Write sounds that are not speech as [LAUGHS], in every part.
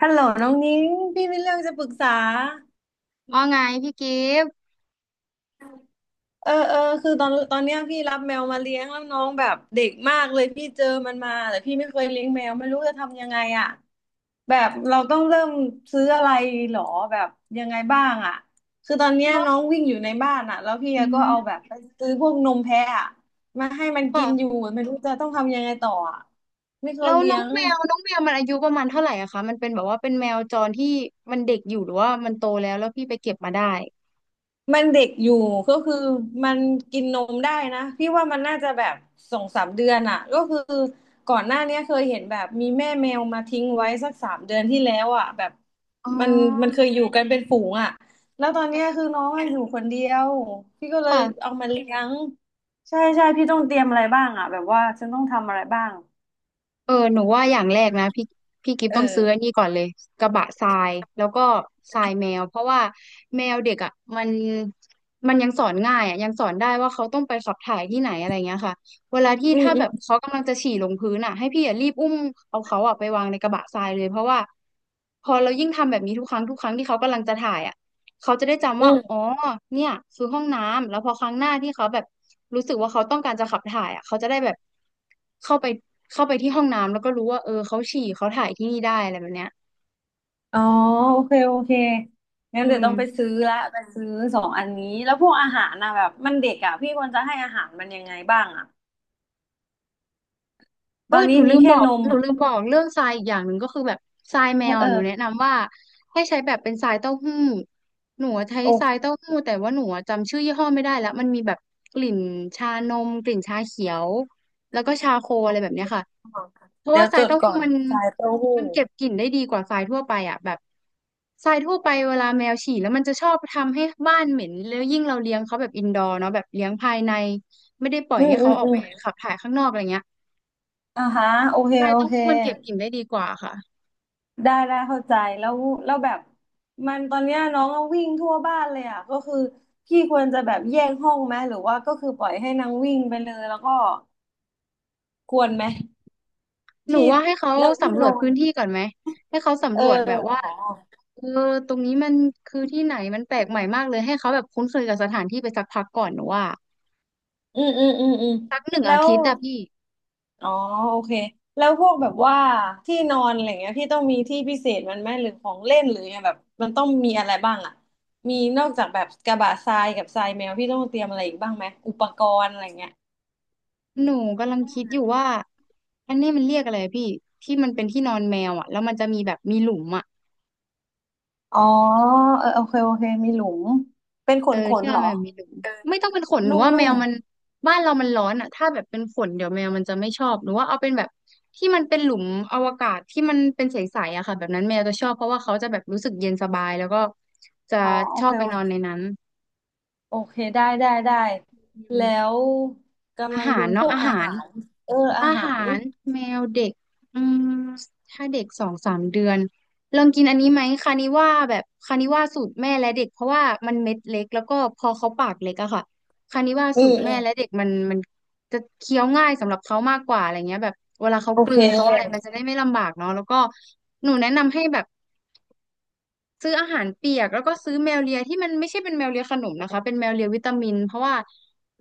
ฮัลโหลน้องนิ้งพี่มีเรื่องจะปรึกษาว่าไงพี่กิฟต์คือตอนเนี้ยพี่รับแมวมาเลี้ยงแล้วน้องแบบเด็กมากเลยพี่เจอมันมาแต่พี่ไม่เคยเลี้ยงแมวไม่รู้จะทำยังไงอ่ะแบบเราต้องเริ่มซื้ออะไรหรอแบบยังไงบ้างอ่ะคือตอนเนี้ยแล้วน้องวิ่งอยู่ในบ้านอ่ะแล้วพี่อืก็เอาแบบมไปซื้อพวกนมแพะอะมาให้มันกินอยู่ค่ะไม่รู้จะต้องทำยังไงต่ออ่ะไม่เคแล้ยวเลี้น้ยองง แมวน้องแมวมันอายุประมาณเท่าไหร่อะคะมันเป็นแบบว่าเป็นแมวจรที่มันเด็กอยู่หรือว่ามันโตแล้วแล้วพี่ไปเก็บมาได้มันเด็กอยู่ก็คือมันกินนมได้นะพี่ว่ามันน่าจะแบบสองสามเดือนอ่ะก็คือก่อนหน้าเนี้ยเคยเห็นแบบมีแม่แมวมาทิ้งไว้สักสามเดือนที่แล้วอ่ะแบบอ๋มันมันเคอยอยู่กันเป็นฝูงอ่ะแล้วตอนเนี้ยคือน้องอะอยู่คนเดียวพี่ก็เลยค่ะ เอามาเลี้ยงใช่ใช่พี่ต้องเตรียมอะไรบ้างอ่ะแบบว่าฉันต้องทำอะไรบ้างเออหนูว่าอย่างแรกนะพี่กิฟเอต้องอซื้ออันนี้ก่อนเลยกระบะทรายแล้วก็ทรายแมวเพราะว่าแมวเด็กอ่ะมันมันยังสอนง่ายอ่ะยังสอนได้ว่าเขาต้องไปขับถ่ายที่ไหนอะไรเงี้ยค่ะเวลาที่อืมถ้าอแบบเขากำลังจะฉี่ลงพื้นอ่ะให้พี่อ่ะรีบอุ้มเอาเขาอ่ะไปวางในกระบะทรายเลยเพราะว่าพอเรายิ่งทำแบบนี้ทุกครั้งที่เขากำลังจะถ่ายอ่ะ เขาจะได้จำืว่าอ๋อม เนี่ยคือห้องน้ำ แล้วพอครั้งหน้าที่เขาแบบรู้สึกว่าเขาต้องการจะขับถ่ายอ่ะเขาจะได้แบบเข้าไปเข้าไปที่ห้องน้ำแล้วก็รู้ว่าเออเขาฉี่เขาถ่ายที่นี่ได้อะไรแบบเนี้ยอ๋อโอเคโอเคงั้นอืเดี๋ยวต้องไปม ซื้อละไปซื้อสองอันนี้แล้วพวกอาหารนะแบบมันเด็กอ่ะพี่ควรจะให้อาหารมันยังไงบ้างอ่ะเอตออนหนี้นูลืมีมบแค่อกนมหนูลืมบอกเรื่องทรายอีกอย่างหนึ่งก็คือแบบทรายแมเออวเออะอหนูแนะนำว่าให้ใช้แบบเป็นทรายเต้าหู้หนูอะใช้โอทรายเคเต้าหู้แต่ว่าหนูอะจำชื่อยี่ห้อไม่ได้แล้วมันมีแบบกลิ่นชานมกลิ่นชาเขียวแล้วก็ชาโคอะไรแบบเนี้ยค่ะเพราะเดี๋ว่ายวทจรายดเต้าก่อหู้นมันสายเต้าหู้มันเก็บกลิ่นได้ดีกว่าทรายทั่วไปอ่ะแบบทรายทั่วไปเวลาแมวฉี่แล้วมันจะชอบทำให้บ้านเหม็นแล้วยิ่งเราเลี้ยงเขาแบบอินดอร์เนาะแบบเลี้ยงภายในไม่ได้ปล่อยอืมให้อืเขามออกอืไปมขับถ่ายข้างนอกอะไรเงี้ย อ่าฮะโอเคใช่โอเต้องเคมันเก็บกลิ่นได้ดีกว่าค่ะได้ได้เข้าใจแล้วแบบมันตอนเนี้ยน้องก็วิ่งทั่วบ้านเลยอ่ะก็คือพี่ควรจะแบบแยกห้องไหมหรือว่าก็คือปล่อยให้นางวิ่งไปเลยแล้วก็ควรไหมหนูที่ว่าให้เขาแล้วที่สำรนวจอน พื้นที่ก่อนไหมให้เขาเอสำอรวจแบบว่าอ๋อเออตรงนี้มันคือที่ไหนมันแปลกใหม่มากเลยให้เขาแบบคุ้นเคยกับสถานที่ไปสักพักก่อนหนูว่าอืมสักหนึ่งแล้อาวทิตย์อะพี่อ๋อโอเคแล้วพวกแบบว่าที่นอนอะไรเงี้ยพี่ต้องมีที่พิเศษมันไหมหรือของเล่นหรือไงแบบมันต้องมีอะไรบ้างอ่ะมีนอกจากแบบกระบะทรายกับทรายแมวพี่ต้องเตรียมอะไรอีกบ้างไหมอุปกรณ์อะไรเงี้ยหนูกำลังคิดอยู่ว่าอันนี้มันเรียกอะไรพี่ที่มันเป็นที่นอนแมวอะแล้วมันจะมีแบบมีหลุมอะ อ๋อเออโอเคโอเคมีหลุมเป็นขเออนขที่นเหเรารมนอแบบมีหนูไม่ต้องเป็นขนหนูนุ่ว่าแมมวมันบ้านเรามันร้อนอ่ะถ้าแบบเป็นขนเดี๋ยวแมวมันจะไม่ชอบหนูว่าเอาเป็นแบบที่มันเป็นหลุมอวกาศที่มันเป็นใสๆอะค่ะแบบนั้นแมวจะชอบเพราะว่าเขาจะแบบรู้สึกเย็นสบายแล้วก็จะๆอ๋อโอชอเคบไปนอนในนั้นโอเคได้ได้ได้อืแล้มวอากำลังหาดูรพเนาะวกอาอาหาร หารเอออาอาหาหารรแมวเด็กอืมถ้าเด็กสองสามเดือนลองกินอันนี้ไหมคานิว่าแบบคานิว่าสูตรแม่และเด็กเพราะว่ามันเม็ดเล็กแล้วก็พอเขาปากเล็กอะค่ะคานิว่าอืสูตรแม่และม เด็กมันจะเคี้ยวง่ายสำหรับเขามากกว่าอะไรเงี้ยแบบเวลาเขาโอกลืเคนเขาอะไรมันจะได้ไม่ลำบากเนาะแล้วก็หนูแนะนำให้แบบ ซื้ออาหารเปียกแล้วก็ซื้อแมวเลียที่มันไม่ใช่เป็นแมวเลียขนมนะคะเป็นแมวเลียวิตามินเพราะว่า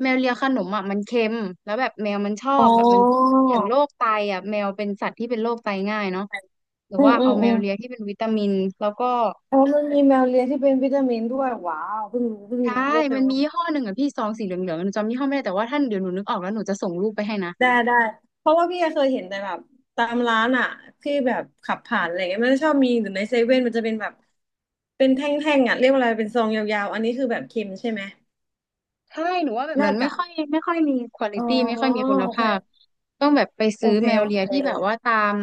แมวเลียขนมอ่ะมันเค็มแล้วแบบแมวมันชออ๋บแบบมันอเสี่ยงโรคไตอ่ะแมวเป็นสัตว์ที่เป็นโรคไตง่ายเนาะหรืออืมว่าอืเอามแมอืวมเลียที่เป็นวิตามินแล้วก็อ๋อมันมีแมวเลี้ยงที่เป็นวิตามินด้วยว้าวเพิ่งรู้เพิ่งใช่รู้โอเคมันโอมีเคยี่ห้อหนึ่งอ่ะพี่ซองสีเหลืองๆหนูจำยี่ห้อไม่ได้แต่ว่าท่านเดี๋ยวหนูนึกออกแล้วหนูจะส่งรูปไปให้นะ ได้ได้ เพราะว่าพี่เคยเห็นแต่แบบตามร้านอ่ะที่แบบขับผ่านอะไรเงี้ยมันจะชอบมีหรือในเซเว่นมันจะเป็นแบบเป็นแท่งๆอ่ะเรียกว่าอะไรเป็นซองยาวๆ อันนี้คือแบบเค็มใช่ไหมใช่หนูว่าแบบน่านั้นไม่จะค่อยไม่ค่อยมีควอลิอ๋อตี้ไม่ค่อยมีคุณโอภาพ เคต้องแบบไปโอซื้อเคแมวโอเลีเคยที่แบบว่าตาม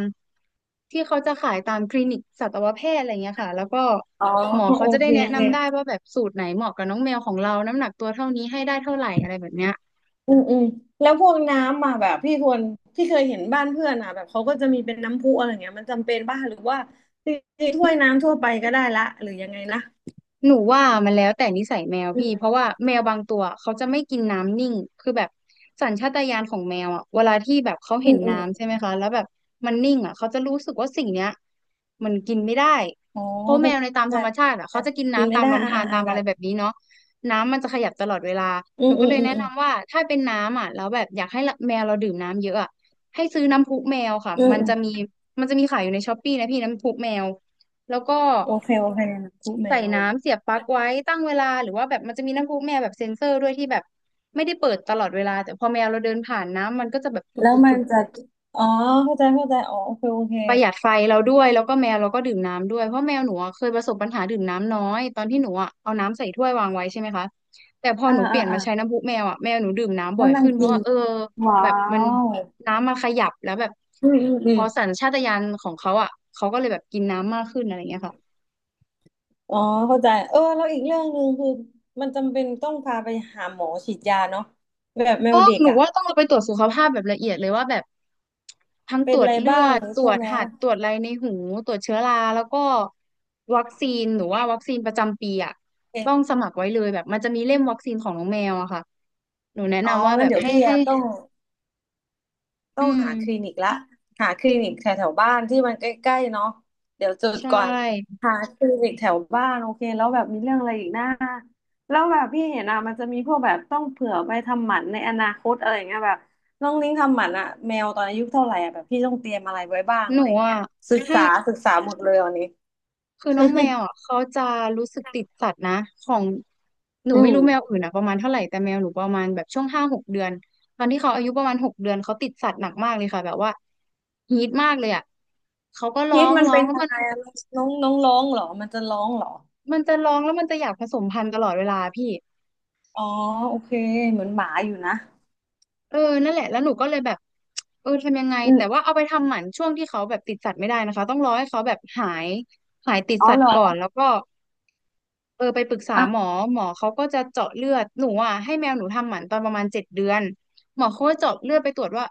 ที่เขาจะขายตามคลินิกสัตวแพทย์อะไรเงี้ยค่ะ แล้วก็อ๋อหมอเขาโอจะได้เค แนะนำได้ว่าแบบสูตรไหนเหมาะกับน้องแมวของเราน้ำหนักตัวเท่านี้ให้ได้เท่าไหร่อะไรแบบเนี้ย อืมแล้วพวกน้ำอ่ะแบบพี่ทวนที่เคยเห็นบ้านเพื่อนอ่ะแบบเขาก็จะมีเป็นน้ำพุอะไรเงี้ยมันจำเป็นป่ะหรือว่าจริงๆถ้วยน้ำทั่วไปก็ได้ละหรือยังไงนะหนูว่ามันแล้วแต่นิสัยแมวอืพี่เพราะมว่าแมวบางตัวเขาจะไม่กินน้ำนิ่งคือแบบสัญชาตญาณของแมวอ่ะเวลาที่แบบเขาอืเห็นมอืมน้ำใช่ไหมคะแล้วแบบมันนิ่งอ่ะเขาจะรู้สึกว่าสิ่งเนี้ยมันกินไม่ได้อ๋อเพราะแมเข้าวในตามใจธรรมชาติอ่ะเขาจะกินกินน้ำไม่ตามได้ลำอ่าธาอ่ารอ่าตามแบอะไรบแบบนี้เนาะน้ำมันจะขยับตลอดเวลาอืหนูมก็อืมเลยอืมแนะอืมนำว่าถ้าเป็นน้ำอ่ะแล้วแบบอยากให้แมวเราดื่มน้ำเยอะอ่ะให้ซื้อน้ำพุแมวค่ะอืมมันอืมจะมีมันจะมีขายอยู่ในช้อปปี้นะพี่น้ำพุแมว แล้วก็โอเคโอเคน้ำพุแมใส่วน้ำเสียบปลั๊กไว้ตั้งเวลาหรือว่าแบบมันจะมีน้ำพุแมวแบบเซ็นเซอร์ด้วยที่แบบไม่ได้เปิดตลอดเวลาแต่พอแมวเราเดินผ่านน้ำมันก็จะแบบผุดแล้วผุดมัผุนดจะอ๋อเข้าใจอ๋อโอเคโอเคประหยัดไฟเราด้วยแล้วก็แมวเราก็ดื่มน้ำด้วยเพราะแมวหนูอะเคยประสบปัญหาดื่มน้ำน้อยตอนที่หนูอะเอาน้ำใส่ถ้วยวางไว้ใช่ไหมคะแต่พออ่าหนูเปอ่าลี่ยนอ่ามาใช้น้ำพุแมวอ่ะแมวหนูดื่มน้ำแล้บ่อวยนางขึ้นเพกิราะนว่าว้าแบบมันวน้ำมาขยับแล้วแบบอืมอืมอืพม อสัญชาตญาณของเขาอ่ะเขาก็เลยแบบกินน้ำมากขึ้นอะไรเงี้ยค่ะ อ๋อเข้าใจเออแล้วอีกเรื่องหนึ่งคือมันจำเป็นต้องพาไปหาหมอฉีดยาเนาะแบบแมต้วองเด็กหนูอ่ะว่าต้องเราไปตรวจสุขภาพแบบละเอียดเลยว่าแบบทั้งตเป็รนวอะจไรเลือบ้างดตรวใช่จไหมหัดตรวจอะไรในหูตรวจเชื้อราแล้วก็วัคซีนหนูว่าวัคซีนประจำปีอ่ะเป็ต้องนสมัครไว้เลยแบบมันจะมีเล่มวัคซีนของน้องแมวอะค่ะหนูแนะอ๋อนำว่าแบงั้นบเดี๋ยวให้พี่ให้อะต้อง ต้อืองมหาคลินิกละหาคลินิกแถวแถวบ้านที่มันใกล้ๆเนาะเดี๋ยวจดใชก่อน่หาคลินิกแถวบ้านโอเคแล้วแบบมีเรื่องอะไรอีกนะแล้วแบบพี่เห็นอะมันจะมีพวกแบบต้องเผื่อไปทำหมันในอนาคตอะไรอย่างเงี้ยแบบน้องนิ้งทำหมันอะแมวตอนอายุเท่าไหร่อะแบบพี่ต้องเตรียมอะไรไว้บ้างหอะนูไรอย่างเงี้อ่ะยศึกให้ ษาศึกษาหมดเลยวันนี้ คือน้องแมวอ่ะ [LAUGHS] เขาจะรู้สึกติดสัตว์นะของหนูอืไม่มรู้แมวอื่นอ่ะประมาณเท่าไหร่แต่แมวหนูประมาณแบบช่วง5-6 เดือนตอนที่เขาอายุประมาณหกเดือนเขาติดสัตว์หนักมากเลยค่ะแบบว่าฮีทมากเลยอ่ะเขาก็ร้อพิษงมันร้อเป็งนแล้วยังมันไงอะน้องน้องร้องเหรอมันจะร้องเหรอมันจะร้องแล้วมันจะอยากผสมพันธุ์ตลอดเวลาพี่อ๋อโอเคเหมือนหมาอยู่นะเออนั่นแหละแล้วหนูก็เลยแบบทำยังไงอืมแต่ว่าเอาไปทำหมันช่วงที่เขาแบบติดสัตว์ไม่ได้นะคะต้องรอให้เขาแบบหายติดอ๋อสัตเหรว์อก่อนแล้วก็ ไปปรึกษาหมออ่ะ หมอเขาก็จะเจาะเลือดหนูอ่ะให้แมวหนูทำหมันตอนประมาณ7 เดือนหมอเขาก็เจาะเลือดไปตรวจว่า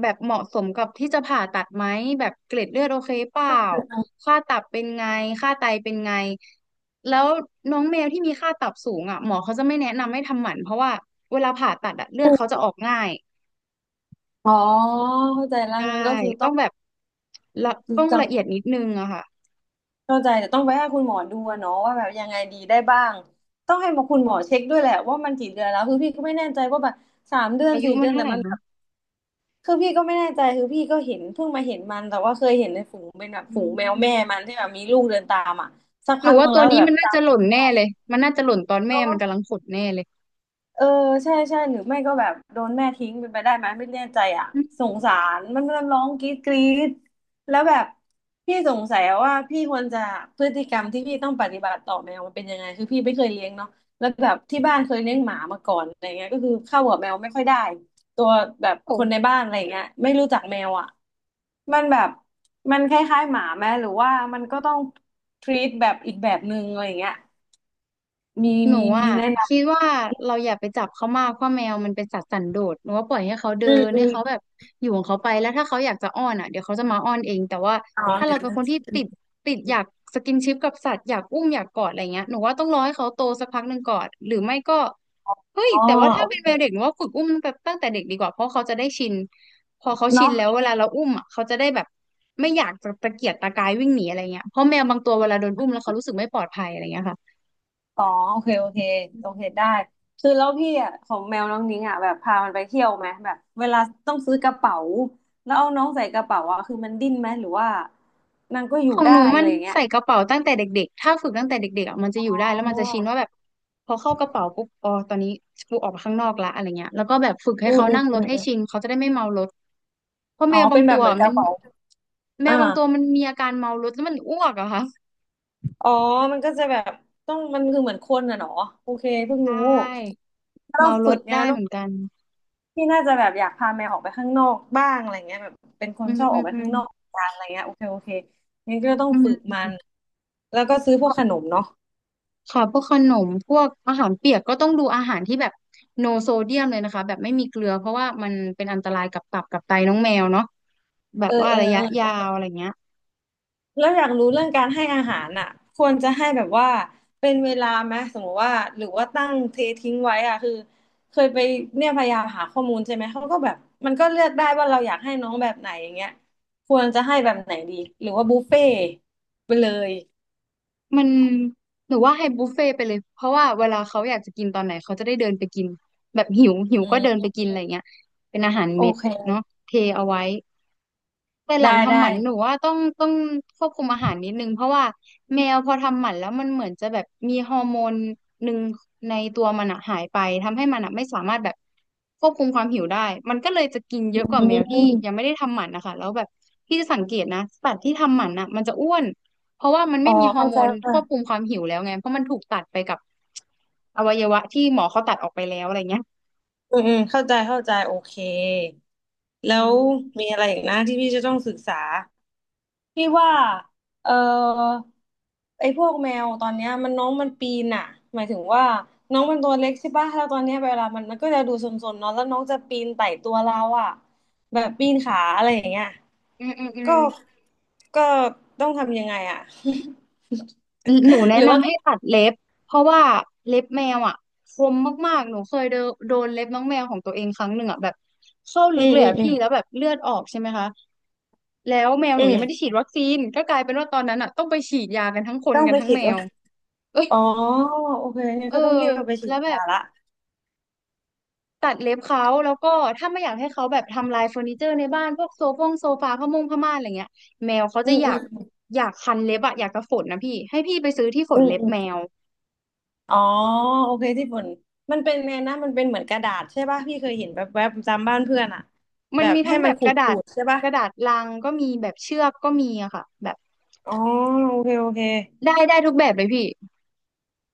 แบบเหมาะสมกับที่จะผ่าตัดไหมแบบเกล็ดเลือดโอเคเปล่าค่าตับเป็นไงค่าไตเป็นไงแล้วน้องแมวที่มีค่าตับสูงอ่ะหมอเขาจะไม่แนะนำให้ทำหมันเพราะว่าเวลาผ่าตัดอะเลือดเขาจะออกง่ายอ๋อเข้าใจแล้วใช่งั้นก็คือต้ต้อองงแบบละต้องจังละเอียดนิดนึงอะค่ะเข้าใจแต่ต้องไปให้คุณหมอดูอะเนาะว่าแบบยังไงดีได้บ้างต้องให้คุณหมอเช็คด้วยแหละว่ามันกี่เดือนแล้วคือพี่ก็ไม่แน่ใจว่าแบบสามเดือนอายุสี่มัเดืนอนเท่าแต่ไหร่มันแบนะบคือพี่ก็ไม่แน่ใจคือพี่ก็เห็นเพิ่งมาเห็นมันแต่ว่าเคยเห็นในฝูงเป็นแบบอืฝูงแมวม แม่มันที่แบบมีลูกเดินตามอ่ะสักหนูพักหนึว่างตัแล้ววแต่นี้แบมับ นน่าจะหล่นแน่เลย มันน่าจะหล่นตอนแม่มันกำลังขดแน่เลยเออใช่ใช่หรือไม่ก็แบบโดนแม่ทิ้งเป็นไปได้ไหมไม่แน่ใจอ่ะอืมสงสารมันมันร้องกรี๊ดกรี๊ดแล้วแบบพี่สงสัยว่าพี่ควรจะพฤติกรรมที่พี่ต้องปฏิบัติต่อแมวมันเป็นยังไงคือพี่ไม่เคยเลี้ยงเนาะแล้วแบบที่บ้านเคยเลี้ยงหมามาก่อนอะไรเงี้ยก็คือเข้ากับแมวไม่ค่อยได้ตัวแบบคนในโอ้ บ้านอะไรเงี้ยไม่รู้จักแมวอ่ะมันแบบมันคล้ายๆหมาไหมหรือว่ามันก็ต้องทรีตแบบอีกแบบหนึงอะไรเงี้ยมีหนูมีอ่ะมีแนะนคิดว่าเราอย่าไปจับเขามากเพราะแมวมันเป็นสัตว์สันโดษหนูว่าปล่อยให้เขาเดินำอืให้ม เขาแบบอยู่ของเขาไปแล้วถ้าเขาอยากจะอ้อนอ่ะเดี๋ยวเขาจะมาอ้อนเองแต่ว่าอ๋อถ้าเราเดี๋ยวเป็นนะคนที่ติดอยากสกินชิปกับสัตว์อยากอุ้มอยากกอดอะไรเงี้ยหนูว่าต้องรอให้เขาโตสักพักหนึ่งก่อนหรือไม่ก็เฮ้ยอ๋อแต่ว่าถ้าโอเป็นเคแมวเด็กหนูว่าฝึกอุ้มแบบตั้งแต่เด็กดีกว่าเพราะเขาจะได้ชินพอเขาชินเนาะแล้วเวลาเราอุ้มอ่ะเขาจะได้แบบไม่อยากจะตะเกียกตะกายวิ่งหนีอะไรเงี้ยเพราะแมวบางตัวเวลาโดนอุ้มแล้วเขารู้สึกไม่ปลอดภัยอะไรเงี้ยค่ะอ๋อโอเคโอเคอืโอเคได้ม คือแล้วพี่อ่ะของแมวน้องนิ้งอ่ะแบบพามันไปเที่ยวไหมแบบเวลาต้องซื้อกระเป๋าแล้วเอาน้องใส่กระเป๋าอ่ะคือมันดิ้นไหมหรือว่ามันก็อขยู่องได้หนูมัอะนไรอย่างเงี้ยใส่กระเป๋าตั้งแต่เด็กๆ ถ้าฝึกตั้งแต่เด็กๆอะมันจะอ๋อยู่ได้อแล้วมันจะชินว่าแบบพอเข้ากระเป๋าปุ๊บอ๋อตอนนี้กูออกมาข้างนอกละอะไรเงี้ยแล้วก็แบบฝึกให้อืมเขาอืมนั่งรอืถมให้อมชินเขาจะได้ไม่เมารถเพราะอ๋แมอวบาเป็งนแบตับวเหมือนกมัระนเป๋าแมอ่าวบางตัวมันมีอาการเมารถแล้วมันอ้วกอะค่ะอ๋อมันก็จะแบบต้องมันคือเหมือนคนอ่ะเนาะโอเคเพิ่งใชรู้่ต้องเมารฝึถกไง ได้เหมือนกันพี่น่าจะแบบอยากพาแมวออกไปข้างนอกบ้างอะไรเงี้ยแบบเป็นคนอืมชอบอืออกมไปอืมข้างนอกกันอะไรเงี้ยโอเคโอเคงั้นก็ต้องอืฝึกมันม แล้วก็ซื้อพวกขนมเนาะค่ะพวกขนมพวกอาหารเปียกก็ต้องดูอาหารที่แบบโนโซเดียมเลยนะคะแบบไม่มีเกลือเพราะว่ามันเป็นอันตรายกับตับกับไตน้องแมวเนาะแบเอบอว่าเออระยะเออยาวอะไรเงี้ยแล้วอยากรู้เรื่องการให้อาหารอ่ะควรจะให้แบบว่าเป็นเวลาไหมสมมติว่าหรือว่าตั้งเททิ้งไว้อ่ะคือเคยไปเนี่ยพยายามหาข้อมูลใช่ไหมเขาก็แบบมันก็เลือกได้ว่าเราอยากให้น้องแบบไหนอย่างเงี้ยควรจะให้แบบไหนดีหรือว่าบุฟเฟ่ต์ไปเลยมันหรือว่าให้บุฟเฟ่ต์ไปเลยเพราะว่าเวลาเขาอยากจะกินตอนไหนเขาจะได้เดินไปกินแบบหิวหิวอืก็เดินไปมกินอะไรเงี้ยเป็นอาหารโอเม็ดเคเนาะเทเอาไว้ แต่หลังได้ทำหได้ มันหนูว่าต้องควบคุมอาหารนิดนึงเพราะว่าแมวพอทำหมันแล้วมันเหมือนจะแบบมีฮอร์โมนหนึ่งในตัวมันอะหายไปทำให้มันอะไม่สามารถแบบควบคุมความหิวได้มันก็เลยจะกินเยอือะกว่าแมวที่มยังไม่ได้ทำหมันนะคะแล้วแบบพี่จะสังเกตนะสัตว์ที่ทำหมันอะมันจะอ้วนเพราะว่ามันอ๋ไม่อมีฮอเข้าร์โมใจนควบคุค่ะมความหิวแล้วไงเพราะมันถูกตัดไปกับอวัยวะที่หมอเขาตัดออกไปแล้วอะไรเงี้ยอืมอืมเข้าใจเข้าใจโอเคอืแล้วมมีอะไรอีกนะที่พี่จะต้องศึกษาพี่ว่าเอ่อไอ้พวกแมวตอนเนี้ยมันน้องมันปีนอ่ะหมายถึงว่าน้องมันตัวเล็กใช่ป่ะแล้วตอนเนี้ยเวลามันก็จะดูซนๆเนาะแล้วน้องจะปีนไต่ตัวเราอ่ะแบบปีนขาอะไรอย่างเงี้ยอืมอืมอืม ก็ก็ต้องทำยังไงอ่ะ หนู [LAUGHS] แนะหรือว่านำให้ตัดเล็บเพราะว่าเล็บแมวอ่ะคมมากๆหนูเคยเดนโดนเล็บน้องแมวของตัวเองครั้งหนึ่งอ่ะแบบเข้าอืลึกมเลยอืมอ่ะอืมพี่แล้วแบบเลือดออกใช่ไหมคะแล้วแมวหอืนูยัมงไม่ได้ฉีดวัคซีนก็กลายเป็นว่าตอนนั้นอ่ะต้องไปฉีดยากันทั้งคนต้องกัไปนทั้งฉีแมด วเอ้ยอ๋อโอเคงั้นเออก็ต้องเรียกไปฉีแล้ดวแบยาบละตัดเล็บเขาแล้วก็ถ้าไม่อยากให้เขาแบบทำลายเฟอร์นิเจอร์ในบ้านพวกโซฟาผ้าม่านอะไรเงี้ยแมวเขาอืจะมออืยากมอยากคันเล็บอะอยากกระฝนนะพี่ให้พี่ไปซื้อที่ฝอืนมเล็บอืมแมว อ๋อโอเคที่ฝุ่นมันเป็นไงนะมันเป็นเหมือนกระดาษใช่ป่ะพี่เคยเห็นแบบแวบๆตามบ้านเพื่อนอะมัแบนบมีให้ทั้งแบมันบขูกดระดาขูษดใช่ป่ะกระดาษลังก็มีแบบเชือกก็มีอะค่ะแบบอ๋อโอเคโอเคได้ได้ทุกแบบเลยพี่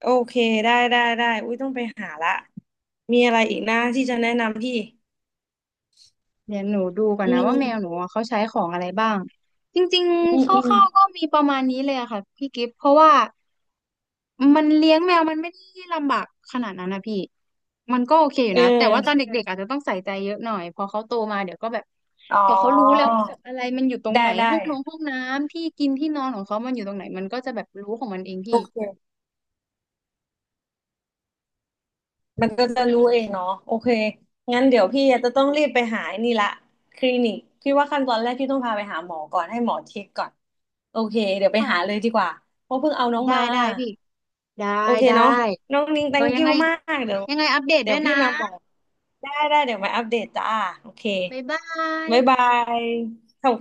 โอเคได้ได้ได้อุ้ยต้องไปหาละมีอะไรอีกนะที่จะแนะนำพี่เดี๋ยวหนูดูก่อนอืนะว่าแมวหนูมอะเขาใช้ของอะไรบ้างจริงอืๆคมรอืม่าวๆก็มีประมาณนี้เลยอะค่ะพี่กิฟต์เพราะว่ามันเลี้ยงแมวมันไม่ได้ลำบากขนาดนั้นนะพี่มันก็โอเคอยู่เอนะแต่ว่าตอนอเด็กๆอาจจะต้องใส่ใจเยอะหน่อยพอเขาโตมาเดี๋ยวก็แบบอ๋พอเขารู้แล้วอว่าแบบอะไรมันอยู่ตรงได้ไหนได้ ห้องนอนห้องน้ำที่กินที่นอนของเขามันอยู่ตรงไหนมันก็จะแบบรู้ของมันเองพี่มันก็จะรู้เองเนาะโอเคงั้นเดี๋ยวพี่จะต้องรีบไปหาไอ้นี่ละคลินิกพี่ว่าขั้นตอนแรกพี่ต้องพาไปหาหมอก่อนให้หมอเช็คก่อนโอเคเดี๋ยวไปหาเลค่ะยดีกว่าเพราะเพิ่งเอาน้องได้มาได้พี่ ได้โอเคได้เนาะน้องนิง เออ thank ยัง you ไงมากเดี๋ยวยังไงอัปเดตเดี๋ด้ยววยพี่นะมาบอกได้ได้เดี๋ยวมาอัปเดตจ้าโอเคบ๊ายบายบ๊ายบายขอบ